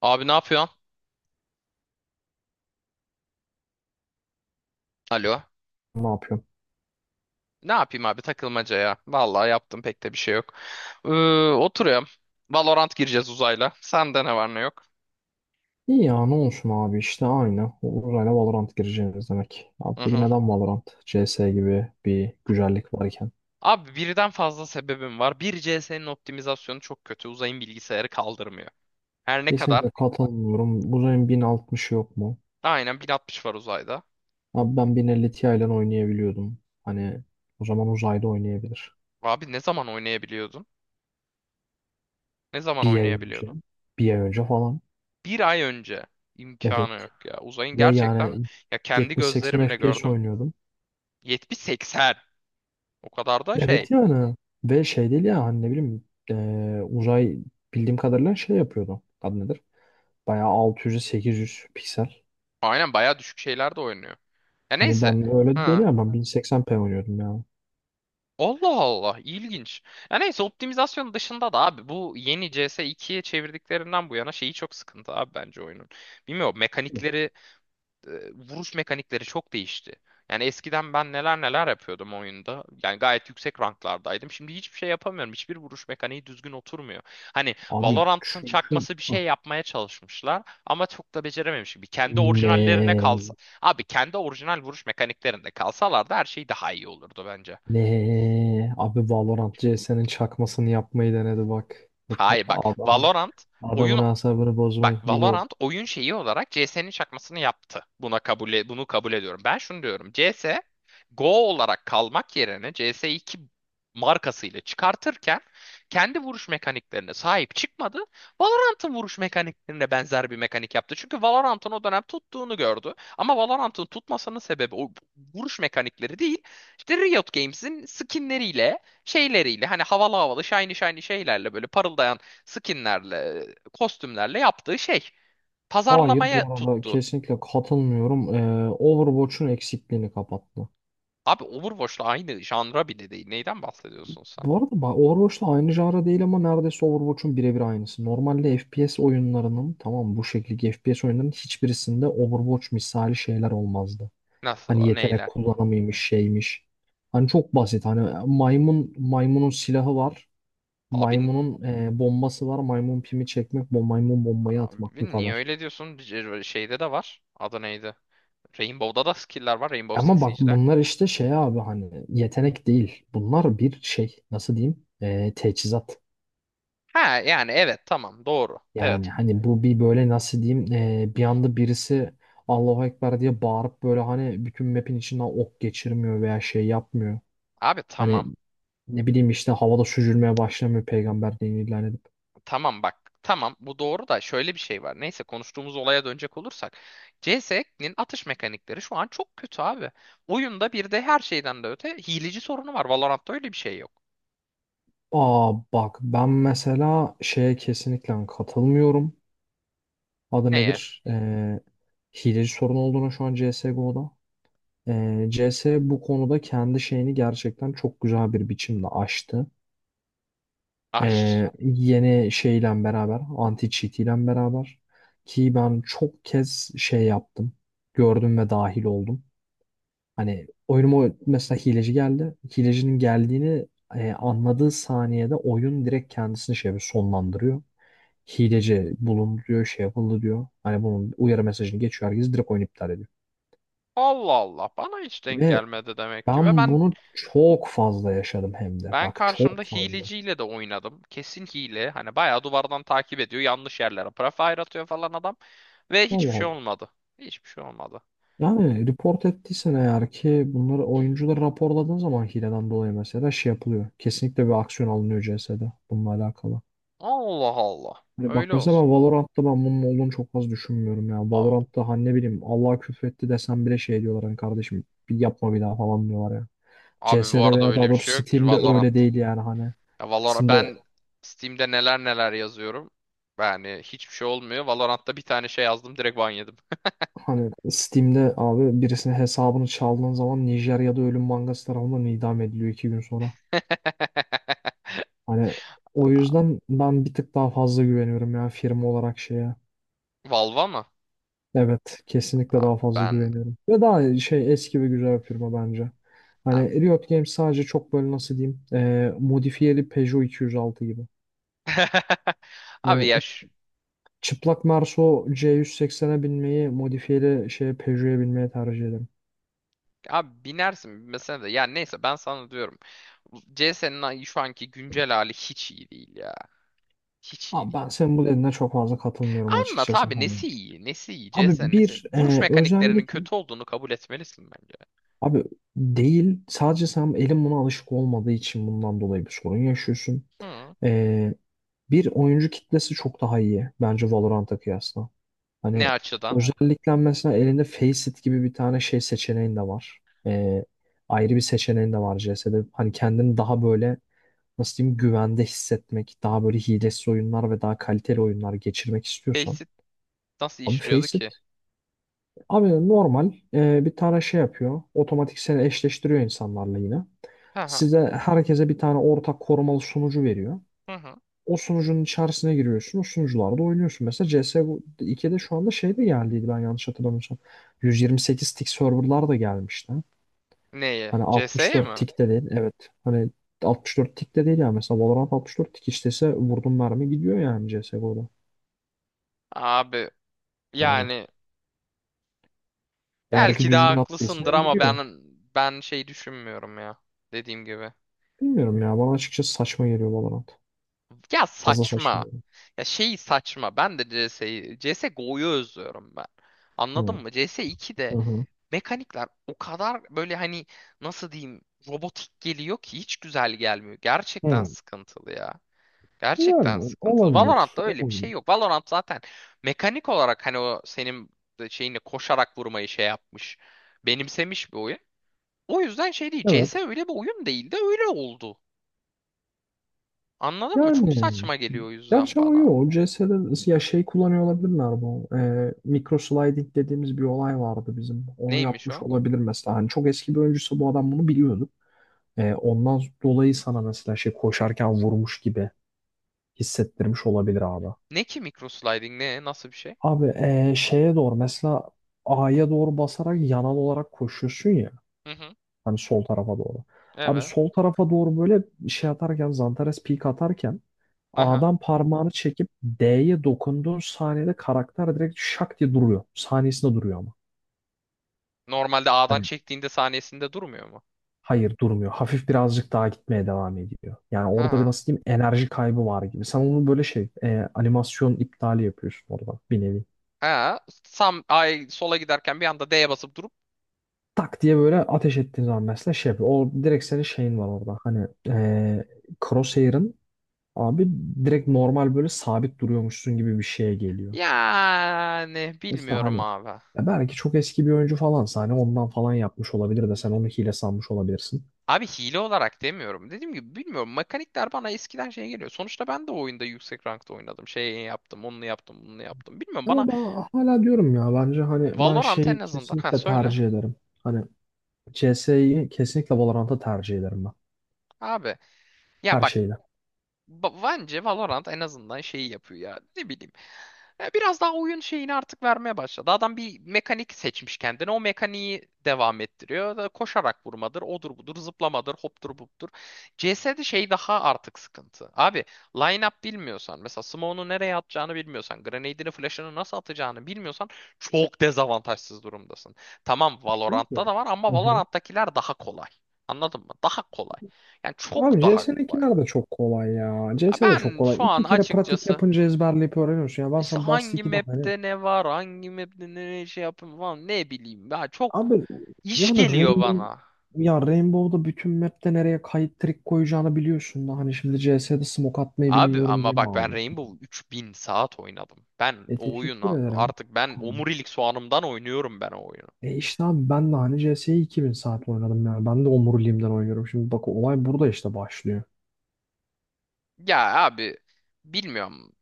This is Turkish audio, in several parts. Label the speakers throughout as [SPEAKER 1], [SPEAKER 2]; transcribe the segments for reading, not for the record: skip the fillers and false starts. [SPEAKER 1] Abi ne yapıyorsun? Alo.
[SPEAKER 2] Ne yapıyorum?
[SPEAKER 1] Ne yapayım abi, takılmaca ya. Vallahi yaptım pek de bir şey yok. Ee, Oturuyorum. Valorant gireceğiz uzayla. Sende ne var ne yok?
[SPEAKER 2] İyi ya, ne olsun abi, işte aynı. Uzayla Valorant gireceğiz demek. Abi
[SPEAKER 1] Hı
[SPEAKER 2] peki
[SPEAKER 1] hı.
[SPEAKER 2] neden Valorant? CS gibi bir güzellik varken.
[SPEAKER 1] Abi, birden fazla sebebim var. Bir, CS'nin optimizasyonu çok kötü. Uzayın bilgisayarı kaldırmıyor. Her ne kadar?
[SPEAKER 2] Kesinlikle katılmıyorum. Uzayın 1060 yok mu?
[SPEAKER 1] Aynen 1060 var uzayda.
[SPEAKER 2] Abi ben 1050 Ti ile oynayabiliyordum. Hani o zaman uzayda oynayabilir.
[SPEAKER 1] Abi ne zaman oynayabiliyordun? Ne zaman
[SPEAKER 2] Bir ay önce.
[SPEAKER 1] oynayabiliyordun?
[SPEAKER 2] Bir ay önce falan.
[SPEAKER 1] Bir ay önce.
[SPEAKER 2] Evet.
[SPEAKER 1] İmkanı yok ya. Uzayın
[SPEAKER 2] Ve
[SPEAKER 1] gerçekten,
[SPEAKER 2] yani
[SPEAKER 1] ya, kendi
[SPEAKER 2] 70-80
[SPEAKER 1] gözlerimle
[SPEAKER 2] FPS
[SPEAKER 1] gördüm.
[SPEAKER 2] oynuyordum.
[SPEAKER 1] 70-80. O kadar da
[SPEAKER 2] Evet
[SPEAKER 1] şey.
[SPEAKER 2] yani. Ve şey değil ya, hani ne bileyim, uzay bildiğim kadarıyla şey yapıyordu. Adı nedir? Bayağı 600-800 piksel.
[SPEAKER 1] Aynen bayağı düşük şeyler de oynuyor. Ya
[SPEAKER 2] Hani
[SPEAKER 1] neyse.
[SPEAKER 2] ben öyle de değil
[SPEAKER 1] Ha.
[SPEAKER 2] ya, ben 1080p oynuyordum ya.
[SPEAKER 1] Allah Allah, ilginç. Ya neyse, optimizasyon dışında da abi, bu yeni CS 2'ye çevirdiklerinden bu yana şeyi çok sıkıntı abi, bence oyunun. Bilmiyorum mekanikleri vuruş mekanikleri çok değişti. Yani eskiden ben neler neler yapıyordum oyunda. Yani gayet yüksek ranklardaydım. Şimdi hiçbir şey yapamıyorum. Hiçbir vuruş mekaniği düzgün oturmuyor. Hani
[SPEAKER 2] Abi
[SPEAKER 1] Valorant'ın
[SPEAKER 2] çünkü.
[SPEAKER 1] çakması bir
[SPEAKER 2] Hı.
[SPEAKER 1] şey yapmaya çalışmışlar ama çok da becerememiş gibi. Kendi orijinallerine
[SPEAKER 2] ne
[SPEAKER 1] kalsa, abi, kendi orijinal vuruş mekaniklerinde kalsalardı her şey daha iyi olurdu bence.
[SPEAKER 2] ne abi, Valorant CS'nin çakmasını yapmayı denedi, bak. Bak,
[SPEAKER 1] Hayır, bak.
[SPEAKER 2] adamın adamın
[SPEAKER 1] Oyun
[SPEAKER 2] asabını bozmayı bu.
[SPEAKER 1] Valorant oyun şeyi olarak CS'nin çakmasını yaptı. Bunu kabul ediyorum. Ben şunu diyorum. CS:GO olarak kalmak yerine, CS 2 markasıyla çıkartırken kendi vuruş mekaniklerine sahip çıkmadı. Valorant'ın vuruş mekaniklerine benzer bir mekanik yaptı. Çünkü Valorant'ın o dönem tuttuğunu gördü. Ama Valorant'ın tutmasının sebebi o vuruş mekanikleri değil. İşte Riot Games'in skinleriyle, şeyleriyle, hani havalı havalı, shiny shiny şeylerle, böyle parıldayan skinlerle, kostümlerle yaptığı şey.
[SPEAKER 2] Hayır,
[SPEAKER 1] Pazarlamaya
[SPEAKER 2] bu arada
[SPEAKER 1] tuttu.
[SPEAKER 2] kesinlikle katılmıyorum. Overwatch'un eksikliğini kapattı.
[SPEAKER 1] Abi, Overwatch'la aynı janra bile değil. Neyden bahsediyorsun sen?
[SPEAKER 2] Bu arada bak, Overwatch'la aynı janra değil ama neredeyse Overwatch'un birebir aynısı. Normalde FPS oyunlarının, tamam, bu şekilde FPS oyunlarının hiçbirisinde Overwatch misali şeyler olmazdı. Hani
[SPEAKER 1] Nasıl?
[SPEAKER 2] yetenek
[SPEAKER 1] Neyle?
[SPEAKER 2] kullanımıymış, şeymiş. Hani çok basit, hani maymun, maymunun silahı var.
[SPEAKER 1] Abi,
[SPEAKER 2] Maymunun bombası var. Maymun pimi çekmek, bom, maymun bombayı atmak, bu
[SPEAKER 1] abi, niye
[SPEAKER 2] kadar.
[SPEAKER 1] öyle diyorsun? Şeyde de var. Adı neydi? Rainbow'da da skill'ler var. Rainbow
[SPEAKER 2] Ama
[SPEAKER 1] Six
[SPEAKER 2] bak,
[SPEAKER 1] Siege'de.
[SPEAKER 2] bunlar işte şey abi, hani yetenek değil. Bunlar bir şey, nasıl diyeyim? Teçhizat.
[SPEAKER 1] Ha, yani, evet, tamam, doğru. Evet.
[SPEAKER 2] Yani hani bu bir böyle, nasıl diyeyim, bir anda birisi Allahu Ekber diye bağırıp böyle hani bütün map'in içinden ok geçirmiyor veya şey yapmıyor.
[SPEAKER 1] Abi
[SPEAKER 2] Hani
[SPEAKER 1] tamam.
[SPEAKER 2] ne bileyim işte, havada süzülmeye başlamıyor peygamber dinini ilan edip.
[SPEAKER 1] Tamam bak. Tamam, bu doğru da şöyle bir şey var. Neyse, konuştuğumuz olaya dönecek olursak. CS'nin atış mekanikleri şu an çok kötü abi. Oyunda bir de her şeyden de öte hileci sorunu var. Valorant'ta öyle bir şey yok.
[SPEAKER 2] Aa bak, ben mesela şeye kesinlikle katılmıyorum. Adı
[SPEAKER 1] Neye?
[SPEAKER 2] nedir? Hileci sorun olduğuna şu an CSGO'da. CS bu konuda kendi şeyini gerçekten çok güzel bir biçimde aştı.
[SPEAKER 1] Aşk.
[SPEAKER 2] Yeni şeyle beraber, anti cheat ile beraber, ki ben çok kez şey yaptım. Gördüm ve dahil oldum. Hani oyunuma mesela hileci geldi. Hilecinin geldiğini anladığı saniyede oyun direkt kendisini şey yapıyor, sonlandırıyor. Hileci bulundu diyor, şey yapıldı diyor. Hani bunun uyarı mesajını geçiyor, herkes direkt oyunu iptal ediyor.
[SPEAKER 1] Allah Allah, bana hiç denk
[SPEAKER 2] Ve
[SPEAKER 1] gelmedi demek ki. Ve
[SPEAKER 2] ben
[SPEAKER 1] ben
[SPEAKER 2] bunu çok fazla yaşadım hem de.
[SPEAKER 1] ben
[SPEAKER 2] Bak, çok
[SPEAKER 1] karşımda
[SPEAKER 2] fazla.
[SPEAKER 1] hileciyle de oynadım. Kesin hile. Hani bayağı duvardan takip ediyor. Yanlış yerlere prefire atıyor falan adam. Ve hiçbir
[SPEAKER 2] Allah.
[SPEAKER 1] şey olmadı. Hiçbir şey olmadı.
[SPEAKER 2] Yani report ettiysen, eğer ki bunları, oyuncuları raporladığın zaman hileden dolayı mesela şey yapılıyor. Kesinlikle bir aksiyon alınıyor CS'de bununla alakalı.
[SPEAKER 1] Allah Allah.
[SPEAKER 2] Hani bak
[SPEAKER 1] Öyle
[SPEAKER 2] mesela,
[SPEAKER 1] olsun.
[SPEAKER 2] ben Valorant'ta ben bunun olduğunu çok az düşünmüyorum ya.
[SPEAKER 1] Abi.
[SPEAKER 2] Valorant'ta hani ne bileyim, Allah küfretti desem bile şey diyorlar, hani kardeşim bir yapma bir daha falan diyorlar ya.
[SPEAKER 1] Abi, bu
[SPEAKER 2] CS'de
[SPEAKER 1] arada
[SPEAKER 2] veya
[SPEAKER 1] öyle
[SPEAKER 2] daha
[SPEAKER 1] bir
[SPEAKER 2] doğrusu
[SPEAKER 1] şey yok.
[SPEAKER 2] Steam'de
[SPEAKER 1] Valorant.
[SPEAKER 2] öyle değil yani, hani.
[SPEAKER 1] Ya Valorant,
[SPEAKER 2] Şimdi
[SPEAKER 1] ben Steam'de neler neler yazıyorum. Yani hiçbir şey olmuyor. Valorant'ta bir tane şey yazdım, direkt ban yedim.
[SPEAKER 2] hani Steam'de abi birisinin hesabını çaldığın zaman Nijerya'da ölüm mangası tarafından idam ediliyor 2 gün sonra. Hani o yüzden ben bir tık daha fazla güveniyorum ya, firma olarak şeye.
[SPEAKER 1] Valva mı?
[SPEAKER 2] Evet, kesinlikle
[SPEAKER 1] Abi
[SPEAKER 2] daha fazla
[SPEAKER 1] ben
[SPEAKER 2] güveniyorum. Ve daha şey, eski ve güzel bir firma bence.
[SPEAKER 1] abi,
[SPEAKER 2] Hani Riot Games sadece çok böyle, nasıl diyeyim, modifiyeli Peugeot 206 gibi.
[SPEAKER 1] abi
[SPEAKER 2] Hani
[SPEAKER 1] ya şu-
[SPEAKER 2] çıplak Merso C180'e binmeyi modifiyeli şeye Peugeot'a binmeye tercih ederim.
[SPEAKER 1] abi binersin mesela de, ya neyse, ben sana diyorum. CS'nin şu anki güncel hali hiç iyi değil ya. Hiç iyi
[SPEAKER 2] Abi
[SPEAKER 1] değil.
[SPEAKER 2] ben senin bu dediğine çok fazla katılmıyorum
[SPEAKER 1] Anlat
[SPEAKER 2] açıkçası.
[SPEAKER 1] abi,
[SPEAKER 2] Hani.
[SPEAKER 1] nesi iyi? Nesi iyi?
[SPEAKER 2] Abi
[SPEAKER 1] CS'nin nesi?
[SPEAKER 2] bir,
[SPEAKER 1] Vuruş mekaniklerinin
[SPEAKER 2] özellikle.
[SPEAKER 1] kötü olduğunu kabul etmelisin bence.
[SPEAKER 2] Abi değil. Sadece sen elin buna alışık olmadığı için bundan dolayı bir sorun yaşıyorsun.
[SPEAKER 1] Hı.
[SPEAKER 2] Ee, Bir oyuncu kitlesi çok daha iyi bence Valorant'a kıyasla. Hani.
[SPEAKER 1] Ne
[SPEAKER 2] Evet.
[SPEAKER 1] açıdan?
[SPEAKER 2] Özellikle mesela elinde Faceit gibi bir tane şey seçeneğin de var. Ee, Ayrı bir seçeneğin de var CS'de. Hani kendini daha böyle, nasıl diyeyim, güvende hissetmek, daha böyle hilesiz oyunlar ve daha kaliteli oyunlar geçirmek istiyorsan.
[SPEAKER 1] Nasıl
[SPEAKER 2] Abi
[SPEAKER 1] işliyordu
[SPEAKER 2] Faceit.
[SPEAKER 1] ki?
[SPEAKER 2] Abi normal bir tane şey yapıyor. Otomatik seni eşleştiriyor insanlarla yine.
[SPEAKER 1] Hı hı.
[SPEAKER 2] Size, herkese bir tane ortak korumalı sunucu veriyor.
[SPEAKER 1] Hı hı.
[SPEAKER 2] O sunucunun içerisine giriyorsun. O sunucularda oynuyorsun. Mesela CS2'de şu anda şey de geldiydi, ben yanlış hatırlamıyorsam. 128 tick serverlar da gelmişti.
[SPEAKER 1] Neyi?
[SPEAKER 2] Hani
[SPEAKER 1] CS'ye
[SPEAKER 2] 64
[SPEAKER 1] mi?
[SPEAKER 2] tick de değil. Evet. Hani 64 tick de değil yani. Mesela Valorant 64 tick işlese, vurdum mermi gidiyor yani CSGO'da.
[SPEAKER 1] Abi
[SPEAKER 2] Yani
[SPEAKER 1] yani
[SPEAKER 2] eğer ki
[SPEAKER 1] belki de
[SPEAKER 2] düzgün
[SPEAKER 1] haklısındır
[SPEAKER 2] attıysan
[SPEAKER 1] ama ben
[SPEAKER 2] gidiyor.
[SPEAKER 1] ben şey düşünmüyorum ya. Dediğim gibi.
[SPEAKER 2] Bilmiyorum ya. Bana açıkçası saçma geliyor Valorant.
[SPEAKER 1] Ya
[SPEAKER 2] Fazla
[SPEAKER 1] saçma.
[SPEAKER 2] saçmalıyor.
[SPEAKER 1] Ya şey saçma. Ben de CS'yi CS:GO'yu özlüyorum ben. Anladın
[SPEAKER 2] Hı.
[SPEAKER 1] mı? CS2'de
[SPEAKER 2] Hı hı.
[SPEAKER 1] mekanikler o kadar böyle, hani, nasıl diyeyim, robotik geliyor ki hiç güzel gelmiyor. Gerçekten
[SPEAKER 2] Hı.
[SPEAKER 1] sıkıntılı ya. Gerçekten
[SPEAKER 2] Yani
[SPEAKER 1] sıkıntılı.
[SPEAKER 2] olabilir.
[SPEAKER 1] Valorant'ta öyle bir şey
[SPEAKER 2] Olabilir.
[SPEAKER 1] yok. Valorant zaten mekanik olarak hani o senin şeyini koşarak vurmayı şey yapmış. Benimsemiş bir oyun. O yüzden şey değil. C
[SPEAKER 2] Evet.
[SPEAKER 1] S öyle bir oyun değil de öyle oldu. Anladın mı? Çok
[SPEAKER 2] Yani
[SPEAKER 1] saçma geliyor o yüzden
[SPEAKER 2] gerçi ama yok.
[SPEAKER 1] bana.
[SPEAKER 2] O CS'de ya şey kullanıyor olabilirler bu. Micro sliding dediğimiz bir olay vardı bizim. Onu
[SPEAKER 1] Neymiş
[SPEAKER 2] yapmış
[SPEAKER 1] o?
[SPEAKER 2] olabilir mesela. Hani çok eski bir oyuncuysa bu adam bunu biliyordu. Ondan dolayı sana mesela şey koşarken vurmuş gibi hissettirmiş olabilir abi.
[SPEAKER 1] Ne ki microsliding ne? Nasıl bir şey?
[SPEAKER 2] Abi şeye doğru mesela, A'ya doğru basarak yanal olarak koşuyorsun ya.
[SPEAKER 1] Hı hı.
[SPEAKER 2] Hani sol tarafa doğru. Abi
[SPEAKER 1] Evet.
[SPEAKER 2] sol tarafa doğru böyle şey atarken, Zantares peak atarken,
[SPEAKER 1] Aha.
[SPEAKER 2] A'dan parmağını çekip D'ye dokunduğun saniyede karakter direkt şak diye duruyor. Saniyesinde duruyor ama.
[SPEAKER 1] Normalde A'dan
[SPEAKER 2] Hani,
[SPEAKER 1] çektiğinde saniyesinde durmuyor mu?
[SPEAKER 2] hayır durmuyor. Hafif birazcık daha gitmeye devam ediyor. Yani orada bir,
[SPEAKER 1] Ha.
[SPEAKER 2] nasıl diyeyim, enerji kaybı var gibi. Sen onu böyle şey, animasyon iptali yapıyorsun orada, bir nevi.
[SPEAKER 1] Ha. Sam ay sola giderken, bir anda D'ye basıp durup
[SPEAKER 2] Tak diye böyle ateş ettiğin zaman mesela şey yapıyor. O direkt, senin şeyin var orada. Hani Crosshair'ın, abi, direkt normal böyle sabit duruyormuşsun gibi bir şeye geliyor.
[SPEAKER 1] yani
[SPEAKER 2] Mesela
[SPEAKER 1] bilmiyorum
[SPEAKER 2] hani,
[SPEAKER 1] abi.
[SPEAKER 2] ya belki çok eski bir oyuncu falansa hani ondan falan yapmış olabilir de sen onu hile sanmış olabilirsin.
[SPEAKER 1] Abi hile olarak demiyorum. Dediğim gibi, bilmiyorum. Mekanikler bana eskiden şey geliyor. Sonuçta ben de o oyunda yüksek rankta oynadım. Şey yaptım, onu yaptım, bunu yaptım. Bilmiyorum bana.
[SPEAKER 2] Ama ben hala diyorum ya, bence hani, ben
[SPEAKER 1] Valorant en
[SPEAKER 2] şeyi
[SPEAKER 1] azından. Ha,
[SPEAKER 2] kesinlikle
[SPEAKER 1] söyle.
[SPEAKER 2] tercih ederim. Hani CS'yi kesinlikle Valorant'a tercih ederim ben.
[SPEAKER 1] Abi ya
[SPEAKER 2] Her
[SPEAKER 1] bak.
[SPEAKER 2] şeyle.
[SPEAKER 1] Bence Valorant en azından şeyi yapıyor ya. Ne bileyim. Ya, biraz daha oyun şeyini artık vermeye başladı. Adam bir mekanik seçmiş kendine. O mekaniği devam ettiriyor. Da, koşarak vurmadır, odur budur, zıplamadır, hoptur buptur. CS'de şey daha artık sıkıntı. Abi, line-up bilmiyorsan, mesela smoke'unu nereye atacağını bilmiyorsan, grenade'ini, flash'ını nasıl atacağını bilmiyorsan çok dezavantajsız durumdasın. Tamam, Valorant'ta
[SPEAKER 2] Bilmiyorum.
[SPEAKER 1] da var ama
[SPEAKER 2] Hı hı.
[SPEAKER 1] Valorant'takiler daha kolay. Anladın mı? Daha kolay. Yani
[SPEAKER 2] Abi
[SPEAKER 1] çok daha kolay.
[SPEAKER 2] CS'ninkiler de çok kolay ya.
[SPEAKER 1] Ya
[SPEAKER 2] CS de çok
[SPEAKER 1] ben
[SPEAKER 2] kolay.
[SPEAKER 1] şu an
[SPEAKER 2] İki kere pratik
[SPEAKER 1] açıkçası
[SPEAKER 2] yapınca ezberleyip öğreniyorsun. Ya ben
[SPEAKER 1] işte
[SPEAKER 2] sana Dust
[SPEAKER 1] hangi
[SPEAKER 2] 2'de hani...
[SPEAKER 1] map'te ne var, hangi map'te ne şey yapın falan, ne bileyim. Ya çok
[SPEAKER 2] Abi
[SPEAKER 1] iş
[SPEAKER 2] yani
[SPEAKER 1] geliyor
[SPEAKER 2] Rainbow,
[SPEAKER 1] bana.
[SPEAKER 2] ya Rainbow'da bütün map'te nereye kayıt trik koyacağını biliyorsun da, hani şimdi CS'de smoke atmayı
[SPEAKER 1] Abi
[SPEAKER 2] bilmiyorum diye
[SPEAKER 1] ama
[SPEAKER 2] mi
[SPEAKER 1] bak, ben
[SPEAKER 2] alıyorsun?
[SPEAKER 1] Rainbow 3.000 saat oynadım.
[SPEAKER 2] E, teşekkür ederim.
[SPEAKER 1] Ben
[SPEAKER 2] Tamam.
[SPEAKER 1] omurilik soğanımdan oynuyorum ben o oyunu.
[SPEAKER 2] E işte abi, ben de hani CS'yi 2000 saat oynadım yani. Ben de omuriliğimden oynuyorum. Şimdi bak, olay burada işte başlıyor.
[SPEAKER 1] Ya abi, bilmiyorum.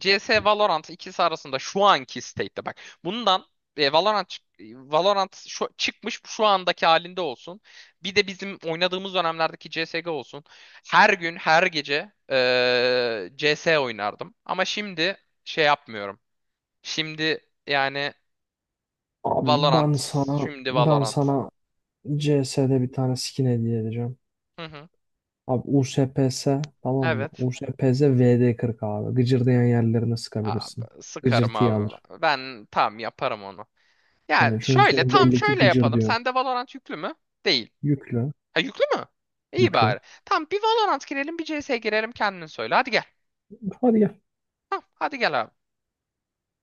[SPEAKER 1] CS Valorant, ikisi arasında şu anki state'te bak. Bundan e, Valorant çık- Valorant şu, çıkmış şu andaki halinde olsun. Bir de bizim oynadığımız dönemlerdeki CS:GO olsun. Her gün, her gece CS oynardım. Ama şimdi şey yapmıyorum. Şimdi yani
[SPEAKER 2] Abi ben
[SPEAKER 1] Valorant.
[SPEAKER 2] sana
[SPEAKER 1] Şimdi
[SPEAKER 2] ben
[SPEAKER 1] Valorant.
[SPEAKER 2] sana CS'de bir tane skin hediye edeceğim.
[SPEAKER 1] Hı hı.
[SPEAKER 2] Abi USPS, tamam mı?
[SPEAKER 1] Evet.
[SPEAKER 2] USPS VD40 abi. Gıcırdayan yerlerine sıkabilirsin.
[SPEAKER 1] Abi, sıkarım
[SPEAKER 2] Gıcırtıyı
[SPEAKER 1] abi.
[SPEAKER 2] alır.
[SPEAKER 1] Ben tam yaparım onu. Ya
[SPEAKER 2] Hani çünkü
[SPEAKER 1] şöyle,
[SPEAKER 2] senin
[SPEAKER 1] tam
[SPEAKER 2] belli ki
[SPEAKER 1] şöyle
[SPEAKER 2] gıcır
[SPEAKER 1] yapalım.
[SPEAKER 2] diyor.
[SPEAKER 1] Sende Valorant yüklü mü? Değil.
[SPEAKER 2] Yüklü,
[SPEAKER 1] Ha, yüklü mü? İyi
[SPEAKER 2] yüklü.
[SPEAKER 1] bari. Tamam, bir Valorant girelim, bir CS girelim, kendin söyle. Hadi gel.
[SPEAKER 2] Hadi gel.
[SPEAKER 1] Tamam, hadi gel abi.